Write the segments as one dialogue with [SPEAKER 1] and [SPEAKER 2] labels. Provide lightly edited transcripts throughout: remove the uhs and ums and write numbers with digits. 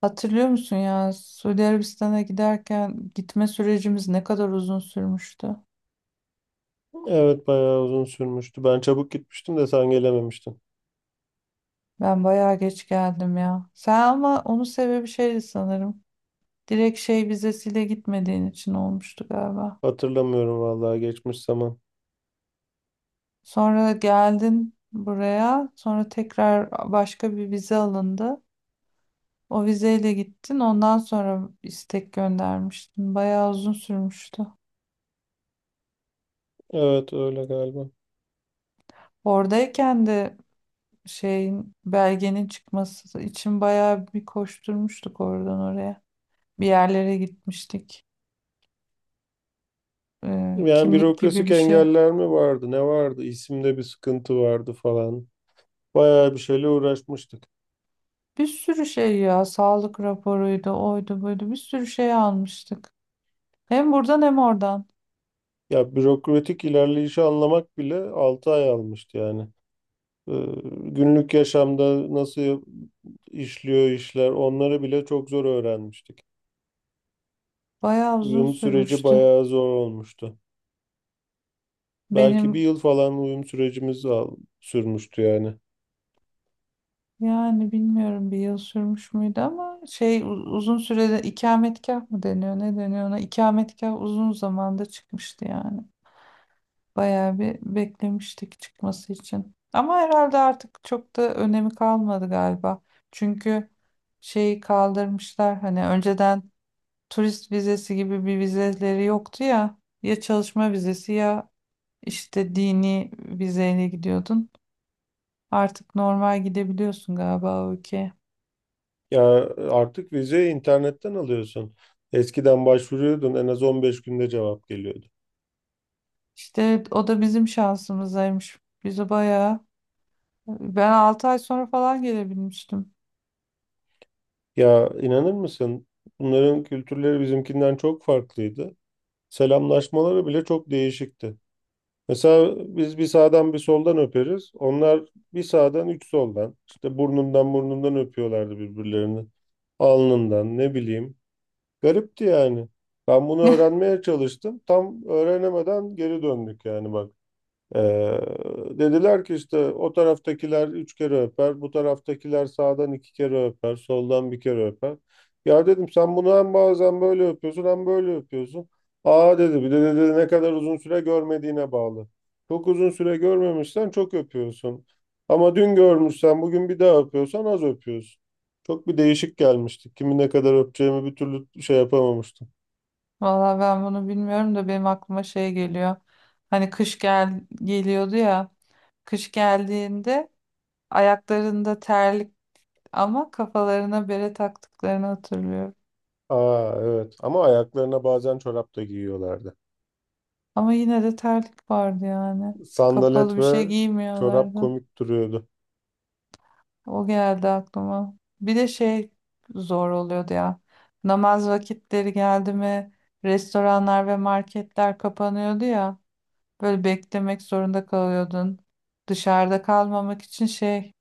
[SPEAKER 1] Hatırlıyor musun ya Suudi Arabistan'a giderken gitme sürecimiz ne kadar uzun sürmüştü.
[SPEAKER 2] Evet bayağı uzun sürmüştü. Ben çabuk gitmiştim de sen gelememiştin.
[SPEAKER 1] Ben bayağı geç geldim ya. Sen ama onun sebebi şeydi sanırım. Direkt şey vizesiyle gitmediğin için olmuştu galiba.
[SPEAKER 2] Hatırlamıyorum vallahi geçmiş zaman.
[SPEAKER 1] Sonra geldin buraya, sonra tekrar başka bir vize alındı. O vizeyle gittin, ondan sonra istek göndermiştin. Bayağı uzun sürmüştü.
[SPEAKER 2] Evet öyle galiba.
[SPEAKER 1] Oradayken de şeyin belgenin çıkması için bayağı bir koşturmuştuk oradan oraya. Bir yerlere gitmiştik.
[SPEAKER 2] Yani
[SPEAKER 1] Kimlik gibi
[SPEAKER 2] bürokrasik
[SPEAKER 1] bir şey.
[SPEAKER 2] engeller mi vardı? Ne vardı? İsimde bir sıkıntı vardı falan. Bayağı bir şeyle uğraşmıştık.
[SPEAKER 1] Bir sürü şey ya sağlık raporuydu oydu buydu bir sürü şey almıştık. Hem buradan hem oradan.
[SPEAKER 2] Ya bürokratik ilerleyişi anlamak bile 6 ay almıştı yani. Ee, Günlük yaşamda nasıl işliyor işler onları bile çok zor öğrenmiştik.
[SPEAKER 1] Bayağı uzun
[SPEAKER 2] Uyum süreci
[SPEAKER 1] sürmüştü.
[SPEAKER 2] bayağı zor olmuştu. Belki bir
[SPEAKER 1] Benim
[SPEAKER 2] yıl falan uyum sürecimiz sürmüştü yani.
[SPEAKER 1] yani bilmiyorum bir yıl sürmüş müydü ama şey uzun sürede ikametgah mı deniyor ne deniyor ona ikametgah uzun zamanda çıkmıştı yani. Bayağı bir beklemiştik çıkması için. Ama herhalde artık çok da önemi kalmadı galiba. Çünkü şeyi kaldırmışlar hani önceden turist vizesi gibi bir vizeleri yoktu ya. Ya çalışma vizesi ya işte dini vizeyle gidiyordun. Artık normal gidebiliyorsun galiba o ülkeye.
[SPEAKER 2] Ya artık vizeyi internetten alıyorsun. Eskiden başvuruyordun en az 15 günde cevap geliyordu.
[SPEAKER 1] İşte o da bizim şansımızaymış. Bizi bayağı ben 6 ay sonra falan gelebilmiştim.
[SPEAKER 2] Ya inanır mısın? Bunların kültürleri bizimkinden çok farklıydı. Selamlaşmaları bile çok değişikti. Mesela biz bir sağdan bir soldan öperiz. Onlar bir sağdan üç soldan. İşte burnundan burnundan öpüyorlardı birbirlerini. Alnından ne bileyim. Garipti yani. Ben bunu öğrenmeye çalıştım. Tam öğrenemeden geri döndük yani bak. Ee, Dediler ki işte o taraftakiler üç kere öper, bu taraftakiler sağdan iki kere öper, soldan bir kere öper. Ya dedim sen bunu hem bazen böyle öpüyorsun hem böyle öpüyorsun. Aa dedi bir de dedi ne kadar uzun süre görmediğine bağlı. Çok uzun süre görmemişsen çok öpüyorsun. Ama dün görmüşsen bugün bir daha öpüyorsan az öpüyorsun. Çok bir değişik gelmişti. Kimi ne kadar öpeceğimi bir türlü şey yapamamıştım.
[SPEAKER 1] Valla ben bunu bilmiyorum da benim aklıma şey geliyor. Hani kış geliyordu ya. Kış geldiğinde ayaklarında terlik ama kafalarına bere taktıklarını hatırlıyorum.
[SPEAKER 2] Aa evet, ama ayaklarına bazen çorap da giyiyorlardı.
[SPEAKER 1] Ama yine de terlik vardı yani. Kapalı
[SPEAKER 2] Sandalet
[SPEAKER 1] bir
[SPEAKER 2] ve
[SPEAKER 1] şey
[SPEAKER 2] çorap
[SPEAKER 1] giymiyorlardı.
[SPEAKER 2] komik duruyordu.
[SPEAKER 1] O geldi aklıma. Bir de şey zor oluyordu ya. Namaz vakitleri geldi mi restoranlar ve marketler kapanıyordu ya. Böyle beklemek zorunda kalıyordun. Dışarıda kalmamak için şey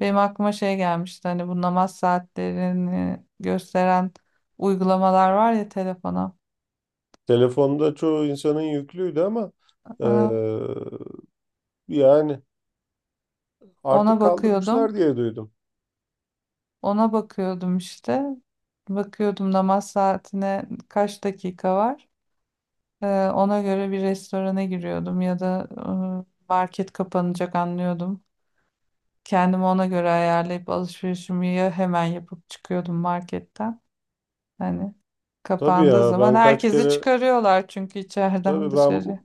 [SPEAKER 1] benim aklıma şey gelmişti. Hani bu namaz saatlerini gösteren uygulamalar var ya telefona.
[SPEAKER 2] Telefonda çoğu insanın yüklüydü ama eee,
[SPEAKER 1] Aa,
[SPEAKER 2] yani artık
[SPEAKER 1] ona
[SPEAKER 2] kaldırmışlar
[SPEAKER 1] bakıyordum.
[SPEAKER 2] diye duydum.
[SPEAKER 1] Ona bakıyordum işte. Bakıyordum namaz saatine kaç dakika var. Ona göre bir restorana giriyordum ya da market kapanacak anlıyordum. Kendimi ona göre ayarlayıp alışverişimi ya hemen yapıp çıkıyordum marketten. Hani
[SPEAKER 2] Tabii
[SPEAKER 1] kapandığı
[SPEAKER 2] ya
[SPEAKER 1] zaman
[SPEAKER 2] ben kaç
[SPEAKER 1] herkesi
[SPEAKER 2] kere
[SPEAKER 1] çıkarıyorlar çünkü içeriden
[SPEAKER 2] tabii, ben
[SPEAKER 1] dışarı.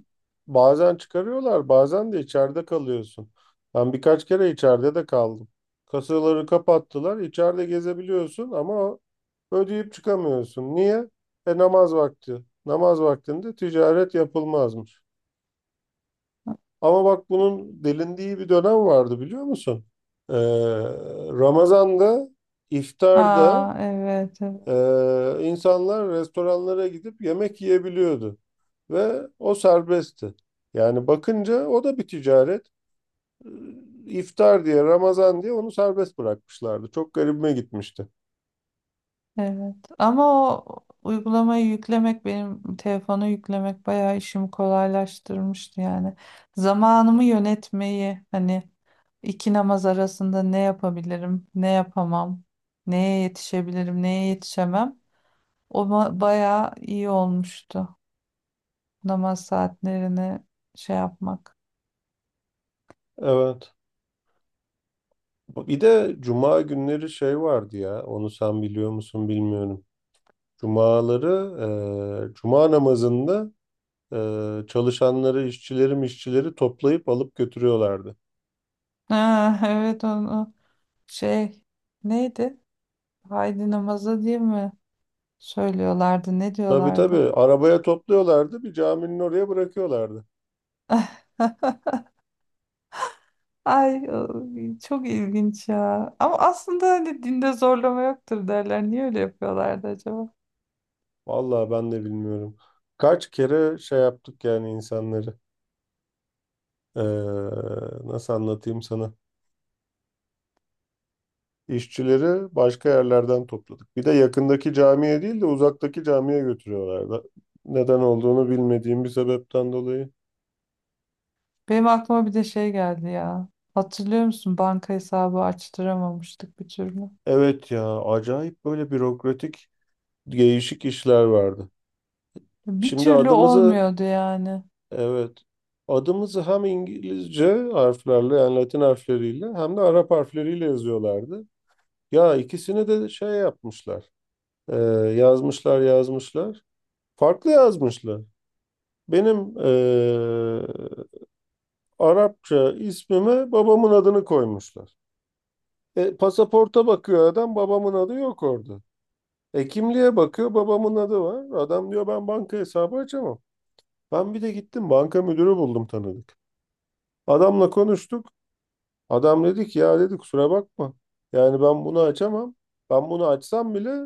[SPEAKER 2] bazen çıkarıyorlar bazen de içeride kalıyorsun. Ben birkaç kere içeride de kaldım. Kasaları kapattılar içeride gezebiliyorsun ama ödeyip çıkamıyorsun. Niye? E namaz vakti. Namaz vaktinde ticaret yapılmazmış. Ama bak bunun delindiği bir dönem vardı biliyor musun? Ee, Ramazan'da, iftarda
[SPEAKER 1] Aa, evet, evet,
[SPEAKER 2] e, insanlar restoranlara gidip yemek yiyebiliyordu. Ve o serbestti. Yani bakınca o da bir ticaret. Ee, İftar diye, Ramazan diye onu serbest bırakmışlardı. Çok garibime gitmişti.
[SPEAKER 1] evet. Ama o uygulamayı yüklemek benim telefonu yüklemek bayağı işimi kolaylaştırmıştı yani. Zamanımı yönetmeyi hani iki namaz arasında ne yapabilirim, ne yapamam, neye yetişebilirim, neye yetişemem. O bayağı iyi olmuştu namaz saatlerini şey yapmak.
[SPEAKER 2] Evet. Bir de cuma günleri şey vardı ya, onu sen biliyor musun bilmiyorum. Cumaları, e, cuma namazında çalışanları, işçileri toplayıp alıp götürüyorlardı.
[SPEAKER 1] Ha, evet, onu. Şey neydi? Haydi namaza diye mi söylüyorlardı? Ne
[SPEAKER 2] Tabii tabii
[SPEAKER 1] diyorlardı?
[SPEAKER 2] arabaya topluyorlardı, bir caminin oraya bırakıyorlardı.
[SPEAKER 1] Ay çok ilginç ya. Ama aslında hani dinde zorlama yoktur derler. Niye öyle yapıyorlardı acaba?
[SPEAKER 2] Vallahi ben de bilmiyorum. Kaç kere şey yaptık yani insanları. Ee, Nasıl anlatayım sana? İşçileri başka yerlerden topladık. Bir de yakındaki camiye değil de uzaktaki camiye götürüyorlardı. Neden olduğunu bilmediğim bir sebepten dolayı.
[SPEAKER 1] Benim aklıma bir de şey geldi ya. Hatırlıyor musun? Banka hesabı açtıramamıştık bir türlü.
[SPEAKER 2] Evet ya, acayip böyle bürokratik, değişik işler vardı.
[SPEAKER 1] Bir
[SPEAKER 2] Şimdi
[SPEAKER 1] türlü
[SPEAKER 2] adımızı
[SPEAKER 1] olmuyordu yani.
[SPEAKER 2] evet. Adımızı hem İngilizce harflerle yani Latin harfleriyle hem de Arap harfleriyle yazıyorlardı. Ya ikisini de şey yapmışlar. e, Yazmışlar yazmışlar. Farklı yazmışlar. Benim e, Arapça ismime babamın adını koymuşlar. E, pasaporta bakıyor adam babamın adı yok orada. E kimliğe bakıyor babamın adı var. Adam diyor ben banka hesabı açamam. Ben bir de gittim banka müdürü buldum tanıdık. Adamla konuştuk. Adam dedi ki ya dedi kusura bakma. Yani ben bunu açamam. Ben bunu açsam bile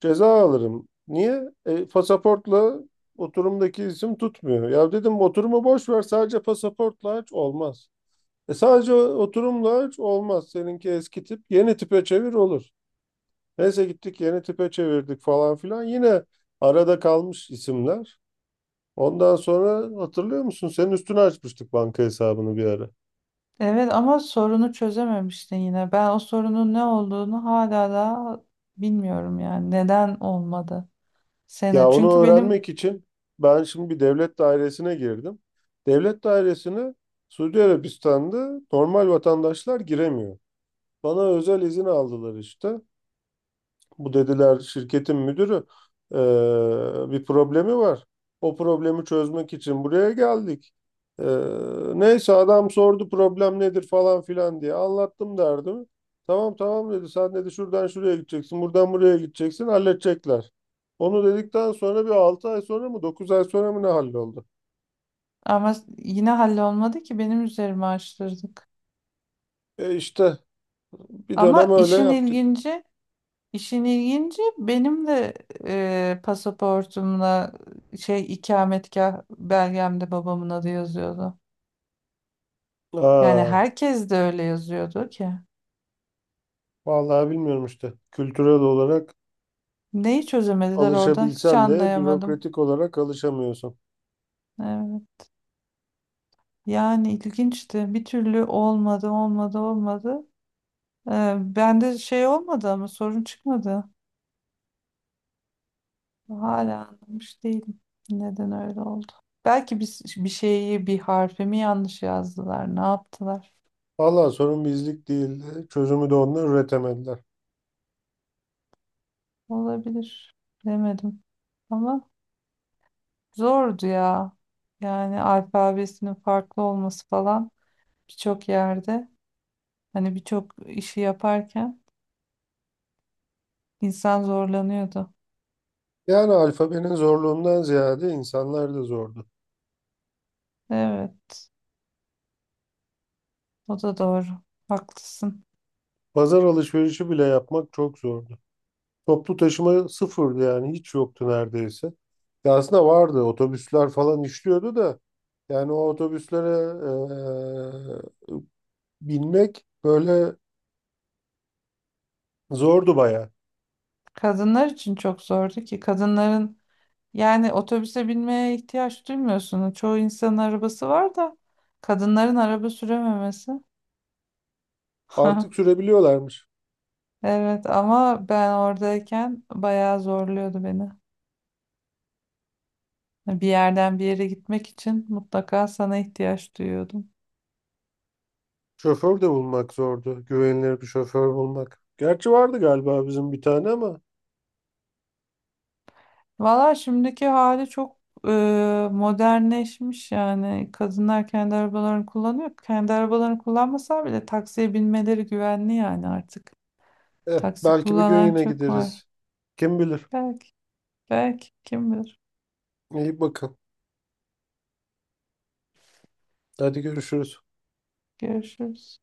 [SPEAKER 2] ceza alırım. Niye? E, pasaportla oturumdaki isim tutmuyor. Ya dedim oturumu boş ver sadece pasaportla aç olmaz. E, sadece oturumla aç olmaz. Seninki eski tip yeni tipe çevir olur. Neyse gittik yeni tipe çevirdik falan filan. Yine arada kalmış isimler. Ondan sonra hatırlıyor musun? Senin üstüne açmıştık banka hesabını bir ara.
[SPEAKER 1] Evet ama sorunu çözememiştin yine. Ben o sorunun ne olduğunu hala da bilmiyorum yani. Neden olmadı? Sena.
[SPEAKER 2] Ya onu
[SPEAKER 1] Çünkü benim.
[SPEAKER 2] öğrenmek için ben şimdi bir devlet dairesine girdim. Devlet dairesine Suudi Arabistan'da normal vatandaşlar giremiyor. Bana özel izin aldılar işte. Bu dediler şirketin müdürü eee, bir problemi var. O problemi çözmek için buraya geldik. Eee, Neyse adam sordu problem nedir falan filan diye anlattım derdimi. Tamam tamam dedi sen dedi şuradan şuraya gideceksin buradan buraya gideceksin halledecekler. Onu dedikten sonra bir 6 ay sonra mı 9 ay sonra mı ne halloldu?
[SPEAKER 1] Ama yine hallolmadı ki benim üzerime açtırdık.
[SPEAKER 2] E işte bir dönem
[SPEAKER 1] Ama
[SPEAKER 2] öyle
[SPEAKER 1] işin
[SPEAKER 2] yaptık.
[SPEAKER 1] ilginci, işin ilginci benim de pasaportumla şey ikametgah belgemde babamın adı yazıyordu. Yani
[SPEAKER 2] Aa,
[SPEAKER 1] herkes de öyle yazıyordu ki.
[SPEAKER 2] vallahi bilmiyorum işte kültürel olarak
[SPEAKER 1] Neyi çözemediler orada hiç
[SPEAKER 2] alışabilsen de
[SPEAKER 1] anlayamadım.
[SPEAKER 2] bürokratik olarak alışamıyorsun.
[SPEAKER 1] Evet. Yani ilginçti. Bir türlü olmadı, olmadı, olmadı. Bende şey olmadı ama sorun çıkmadı. Hala anlamış değilim. Neden öyle oldu? Belki bir şeyi, bir harfi mi yanlış yazdılar, ne yaptılar?
[SPEAKER 2] Valla sorun bizlik değildi. Çözümü de onlar üretemediler.
[SPEAKER 1] Olabilir. Demedim. Ama zordu ya. Yani alfabesinin farklı olması falan birçok yerde hani birçok işi yaparken insan zorlanıyordu.
[SPEAKER 2] Yani alfabenin zorluğundan ziyade insanlar da zordu.
[SPEAKER 1] Evet, o da doğru. Haklısın.
[SPEAKER 2] Pazar alışverişi bile yapmak çok zordu. Toplu taşıma sıfırdı yani hiç yoktu neredeyse. Ya aslında vardı otobüsler falan işliyordu da yani o otobüslere eee, binmek böyle zordu baya.
[SPEAKER 1] Kadınlar için çok zordu ki kadınların. Yani otobüse binmeye ihtiyaç duymuyorsun. Çoğu insanın arabası var da kadınların araba sürememesi.
[SPEAKER 2] Artık sürebiliyorlarmış.
[SPEAKER 1] Evet ama ben oradayken bayağı zorluyordu beni. Bir yerden bir yere gitmek için mutlaka sana ihtiyaç duyuyordum.
[SPEAKER 2] Şoför de bulmak zordu. Güvenilir bir şoför bulmak. Gerçi vardı galiba bizim bir tane ama
[SPEAKER 1] Valla şimdiki hali çok modernleşmiş yani. Kadınlar kendi arabalarını kullanıyor. Kendi arabalarını kullanmasa bile taksiye binmeleri güvenli yani artık.
[SPEAKER 2] eh,
[SPEAKER 1] Taksi
[SPEAKER 2] belki bir gün
[SPEAKER 1] kullanan
[SPEAKER 2] yine
[SPEAKER 1] çok var.
[SPEAKER 2] gideriz. Kim bilir.
[SPEAKER 1] Belki, belki kim bilir.
[SPEAKER 2] İyi bakın. Hadi görüşürüz.
[SPEAKER 1] Görüşürüz.